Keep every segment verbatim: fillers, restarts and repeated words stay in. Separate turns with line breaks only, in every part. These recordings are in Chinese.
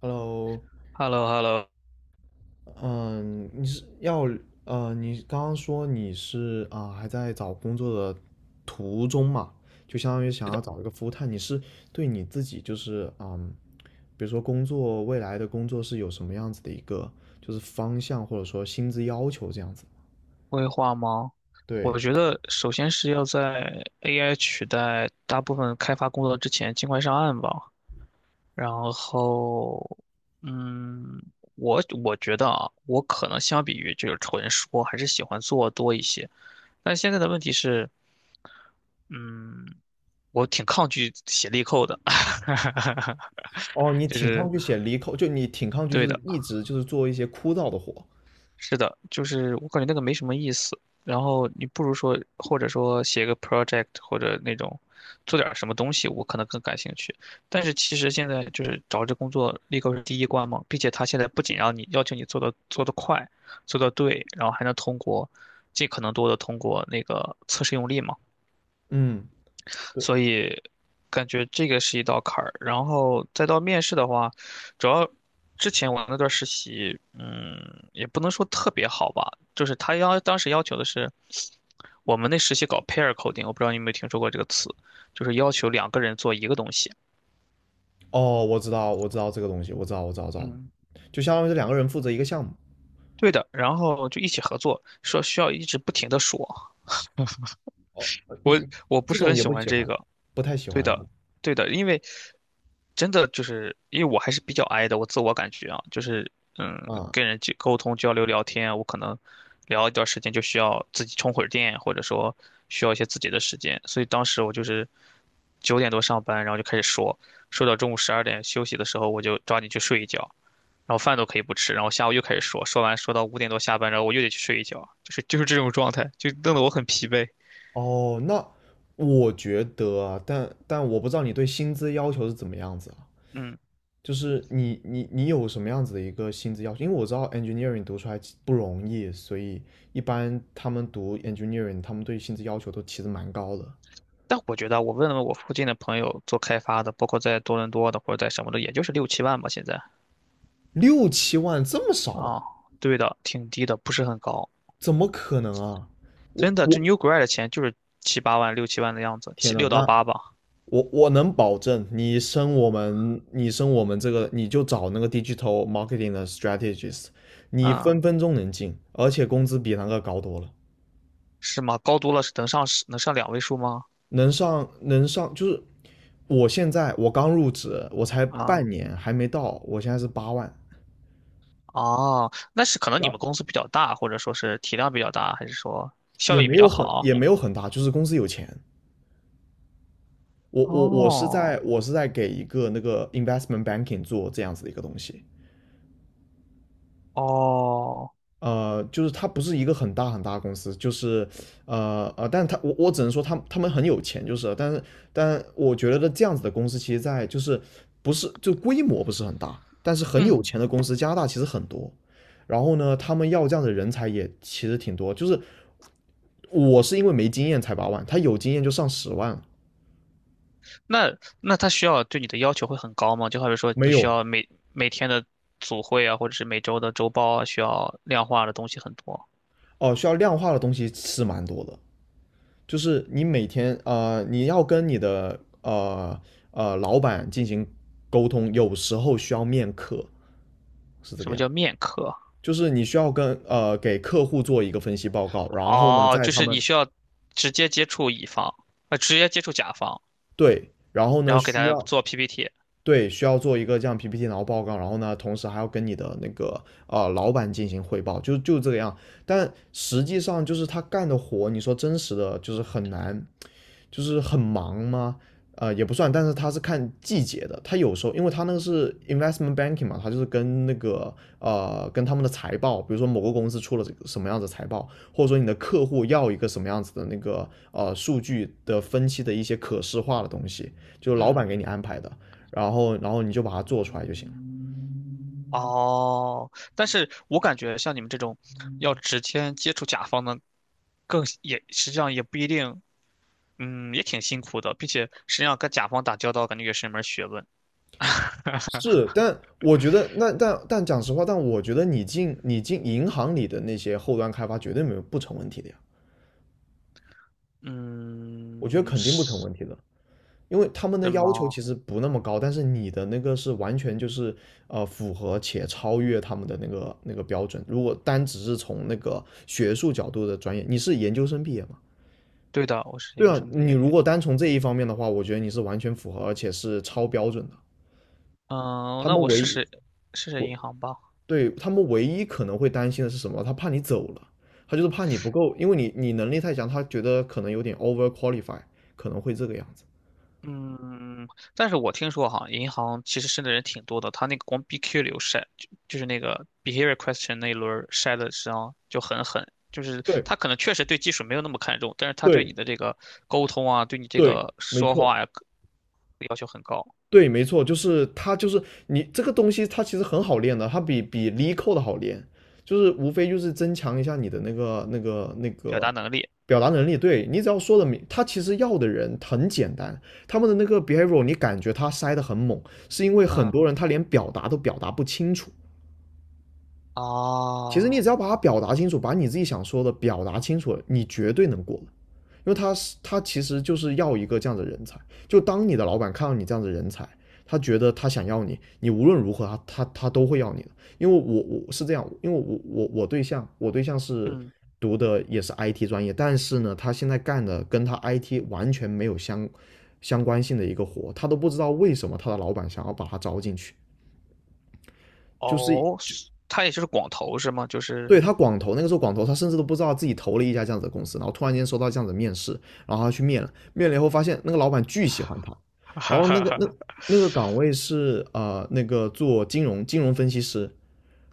Hello。
h e l l o h e l l o
嗯，你是要呃，你刚刚说你是啊、还在找工作的途中嘛？就相当于想要找一个 full time。你是对你自己就是嗯，比如说工作未来的工作是有什么样子的一个就是方向或者说薪资要求这样子？
规划吗？我
对。
觉得首先是要在 A I 取代大部分开发工作之前尽快上岸吧。然后，嗯，我我觉得啊，我可能相比于就是纯说，还是喜欢做多一些。但现在的问题是，嗯，我挺抗拒写力扣的，
哦，你
就
挺抗
是
拒写离口，就你挺抗拒就
对
是
的。
一直就是做一些枯燥的活。
是的，就是我感觉那个没什么意思。然后你不如说，或者说写个 project 或者那种做点儿什么东西，我可能更感兴趣。但是其实现在就是找这工作立刻是第一关嘛，并且他现在不仅让你要求你做的做得快、做得对，然后还能通过尽可能多的通过那个测试用力嘛。
嗯。对。
所以感觉这个是一道坎儿。然后再到面试的话，主要之前我那段实习，嗯，也不能说特别好吧，就是他要当时要求的是，我们那实习搞 pair coding，我不知道你有没有听说过这个词，就是要求两个人做一个东西。
哦，我知道，我知道这个东西，我知道，我知道，我知道，
嗯，
就相当于是两个人负责一个项目。
对的，然后就一起合作，说需要一直不停的说，
哦，呃嗯，
我
嗯
我不
这
是
种
很
也
喜
不
欢
喜
这
欢，
个，
不太喜
对
欢
的，对的，因为真的就是因为我还是比较 i 的，我自我感觉啊，就是嗯，
啊。
跟人去沟通、交流、聊天，我可能聊一段时间就需要自己充会儿电，或者说需要一些自己的时间，所以当时我就是九点多上班，然后就开始说，说到中午十二点休息的时候，我就抓紧去睡一觉，然后饭都可以不吃，然后下午又开始说，说完说到五点多下班，然后我又得去睡一觉，就是就是这种状态，就弄得我很疲惫，
哦。那我觉得啊，但但我不知道你对薪资要求是怎么样子啊？
嗯。
就是你你你有什么样子的一个薪资要求？因为我知道 engineering 读出来其不容易，所以一般他们读 engineering,他们对薪资要求都其实蛮高的。
但我觉得我问了问我附近的朋友做开发的，包括在多伦多的或者在什么的，也就是六七万吧现在。
六七万这么少吗？
啊，对的，挺低的，不是很高。
怎么可能啊？
真
我
的，这
我
New Grad 的钱就是七八万、六七万的样子，
天
七
呐。
六到
那
八吧。
我我能保证，你升我们，你升我们这个，你就找那个 digital marketing 的 strategist,你
嗯，
分分钟能进，而且工资比那个高多了。
是吗？高多了是能上能上两位数吗？
能上能上就是我现在我刚入职，我才
啊，
半年还没到，我现在是八万。
哦，那是可能
然
你
后
们公司比较大，或者说是体量比较大，还是说
也
效益
没
比
有
较
很
好？
也没有很大，就是公司有钱。我我我是
哦，
在我是在给一个那个 investment banking 做这样子的一个东西。
哦。
呃，就是他不是一个很大很大的公司，就是呃呃，但他我我只能说他们他们很有钱，就是，但是但我觉得这样子的公司其实在就是不是就规模不是很大，但是很
嗯。
有钱的公司，加拿大其实很多。然后呢，他们要这样的人才也其实挺多，就是我是因为没经验才八万，他有经验就上十万了。
那那他需要对你的要求会很高吗？就好比说
没
你
有。
需要每每天的组会啊，或者是每周的周报啊，需要量化的东西很多。
哦，需要量化的东西是蛮多的。就是你每天呃，你要跟你的呃呃老板进行沟通，有时候需要面客，是这
什
个
么
样。
叫面科？
就是你需要跟呃给客户做一个分析报告，然后呢，
哦，
在
就
他
是
们
你需要直接接触乙方，呃，直接接触甲方，
对。然后
然
呢
后给
需
他
要。
做 P P T。
对。需要做一个这样 P P T 然后报告，然后呢，同时还要跟你的那个呃老板进行汇报，就就这个样。但实际上就是他干的活，你说真实的就是很难，就是很忙吗？呃，也不算，但是他是看季节的。他有时候，因为他那个是 investment banking 嘛，他就是跟那个呃，跟他们的财报，比如说某个公司出了什么样子财报，或者说你的客户要一个什么样子的那个呃数据的分析的一些可视化的东西，就是老
嗯，
板给你安排的，然后然后你就把它做出来就行了。
哦，但是我感觉像你们这种要直接接触甲方的，更也实际上也不一定，嗯，也挺辛苦的，并且实际上跟甲方打交道，感觉也是一门学问。
是，但我觉得那但但讲实话，但我觉得你进你进银行里的那些后端开发绝对没有不成问题的呀，我觉得
嗯，
肯定不成
是。
问题的。因为他们的
是
要求
吗？
其实不那么高，但是你的那个是完全就是呃符合且超越他们的那个那个标准。如果单只是从那个学术角度的专业，你是研究生毕业嘛？
对的，我是研
对
究
啊，
生毕
你
业。
如果单从这一方面的话，我觉得你是完全符合，而且是超标准的。
嗯，
他
那
们
我
唯
试
一
试试试
我
银行吧。
对他们唯一可能会担心的是什么？他怕你走了，他就是怕你不够，因为你你能力太强，他觉得可能有点 over qualify,可能会这个样子。
嗯，但是我听说哈，银行其实申的人挺多的，他那个光 B Q 流筛，就就是那个 behavior question 那一轮儿筛的实际上就很狠，就是
对
他可能确实对技术没有那么看重，但是他对
对
你的这个沟通啊，对你这
对，
个
没
说
错。
话呀、要求很高，
对，没错，就是它，就是你这个东西，它其实很好练的，它比比 l e c o d 好练，就是无非就是增强一下你的那个那个那
表
个
达能力。
表达能力。对你只要说的明，他其实要的人很简单，他们的那个 behavior 你感觉他塞的很猛，是因为很
嗯，
多人他连表达都表达不清楚。其实你只
啊，
要把它表达清楚，把你自己想说的表达清楚了，你绝对能过。因为他是他其实就是要一个这样的人才。就当你的老板看到你这样的人才，他觉得他想要你，你无论如何他他他都会要你的。因为我我是这样，因为我我我对象我对象是
嗯，
读的也是 I T 专业，但是呢，他现在干的跟他 I T 完全没有相相关性的一个活，他都不知道为什么他的老板想要把他招进去，就是
哦，
就
是他也就是广投是吗？就是，
对他广投那个时候广投他甚至都不知道自己投了一家这样子的公司，然后突然间收到这样子的面试，然后他去面了，面了以后发现那个老板巨喜欢他，然
哈
后那
哈
个那
哈。
那个岗位是呃那个做金融金融分析师，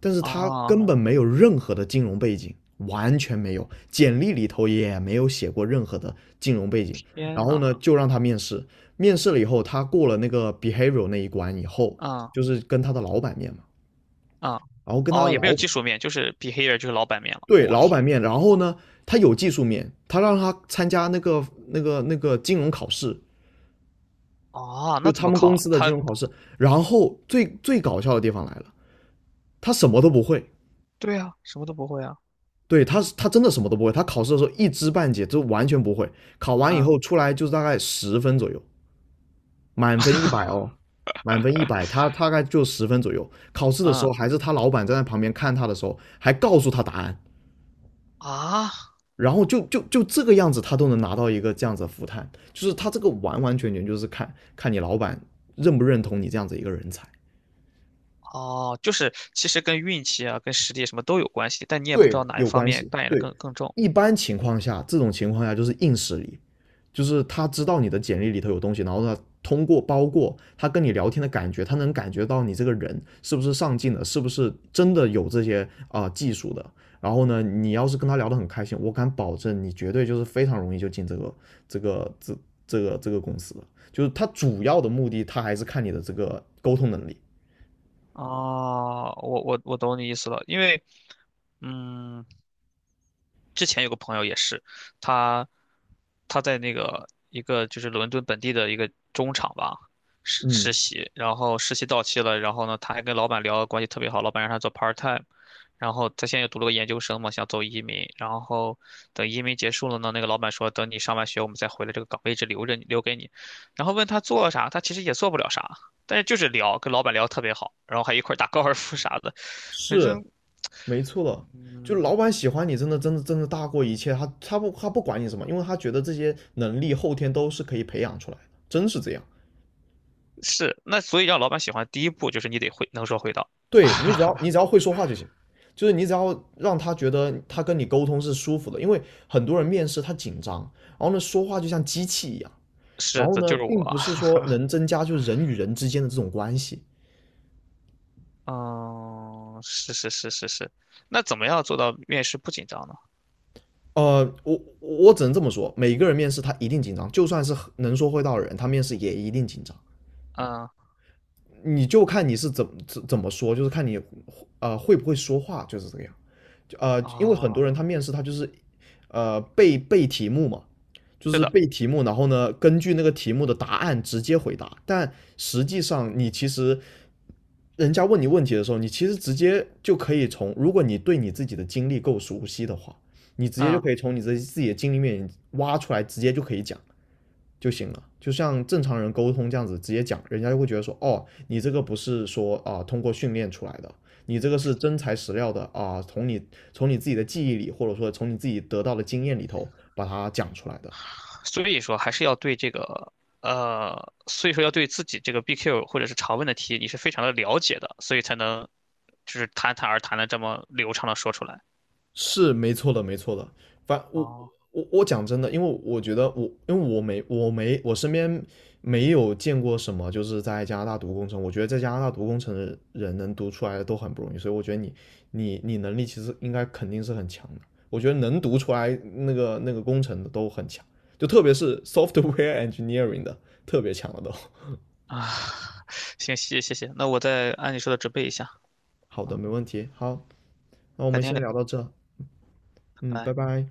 但是他根
啊
本没有任何的金融背景，完全没有，简历里头也没有写过任何的金融背景，
天
然后
呐，
呢就让他面试，面试了以后他过了那个 behavior 那一关以后，
嗯
就是跟他的老板面嘛，
嗯，
然后跟他
哦，
的
也没有
老板。
技术面，就是 b e h a v i r 就是老板面了。
对。
我、
老板
天呐，
面。然后呢，他有技术面，他让他参加那个那个那个金融考试，
哦，
就
那怎
他
么
们公
考？
司的金
他
融考试。然后最最搞笑的地方来了，他什么都不会。
对啊，什么都不会啊。
对。他他真的什么都不会，他考试的时候一知半解，就完全不会。考完以
嗯
后出来就是大概十分左右，满分一百哦，满分一百，他大概就十分左右。考试的时
嗯
候还是他老板站在旁边看他的时候，还告诉他答案。
啊，
然后就就就这个样子，他都能拿到一个这样子的复探，就是他这个完完全全就是看看你老板认不认同你这样子一个人才。
哦，就是其实跟运气啊、跟实力什么都有关系，但你也不知
对，
道哪一
有
方
关
面
系。
扮演的
对，
更更重。
一般情况下，这种情况下就是硬实力，就是他知道你的简历里头有东西，然后他通过包括他跟你聊天的感觉，他能感觉到你这个人是不是上进的，是不是真的有这些啊、呃技术的。然后呢，你要是跟他聊得很开心，我敢保证你绝对就是非常容易就进这个这个这这个这个公司了。就是他主要的目的，他还是看你的这个沟通能力。
哦，我我我懂你意思了，因为嗯，之前有个朋友也是，他他在那个一个就是伦敦本地的一个中厂吧实
嗯，
实习，然后实习到期了，然后呢，他还跟老板聊得关系特别好，老板让他做 part time，然后他现在又读了个研究生嘛，想走移民，然后等移民结束了呢，那个老板说等你上完学我们再回来，这个岗位一直留着你留给你，然后问他做啥，他其实也做不了啥，但是就是聊，跟老板聊得特别好，然后还一块儿打高尔夫啥的，反
是
正
没错了，就
嗯。
老板喜欢你，真的真的真的大过一切。他他不他不管你什么，因为他觉得这些能力后天都是可以培养出来的，真是这样。
是，那所以让老板喜欢，第一步就是你得会能说会道。
对你只要你只要会说话就行，就是你只要让他觉得他跟你沟通是舒服的，因为很多人面试他紧张，然后呢说话就像机器一样，然
是
后
的，
呢
就是
并不
我。
是说能增加就是人与人之间的这种关系。
嗯，是是是是是。那怎么样做到面试不紧张呢？
呃，我我只能这么说，每个人面试他一定紧张，就算是很能说会道的人，他面试也一定紧张。
嗯
你就看你是怎么怎怎么说，就是看你呃会不会说话，就是这个样。就呃，因为很
哦，
多人他面试他就是呃背背题目嘛，就
是
是
的，
背题目，然后呢根据那个题目的答案直接回答。但实际上你其实人家问你问题的时候，你其实直接就可以从，如果你对你自己的经历够熟悉的话，你直接就
嗯，
可以从你自己自己的经历面挖出来，直接就可以讲。就行了，就像正常人沟通这样子直接讲，人家就会觉得说，哦，你这个不是说啊呃通过训练出来的，你这个是真材实料的啊，呃从你从你自己的记忆里，或者说从你自己得到的经验里头把它讲出来的。
所以说还是要对这个呃，所以说要对自己这个 B Q 或者是常问的题，你是非常的了解的，所以才能就是侃侃而谈的这么流畅的说出来。
是没错的，没错的。反我
哦
我我讲真的，因为我觉得我因为我没我没我身边没有见过什么就是在加拿大读工程，我觉得在加拿大读工程的人能读出来的都很不容易，所以我觉得你你你能力其实应该肯定是很强的。我觉得能读出来那个那个工程的都很强，就特别是 software engineering 的特别强了都。
啊，行，谢谢谢谢，那我再按你说的准备一下，
好的，没问题。好，那我
改
们
天
先
聊，
聊到这。
拜
嗯，拜
拜。
拜。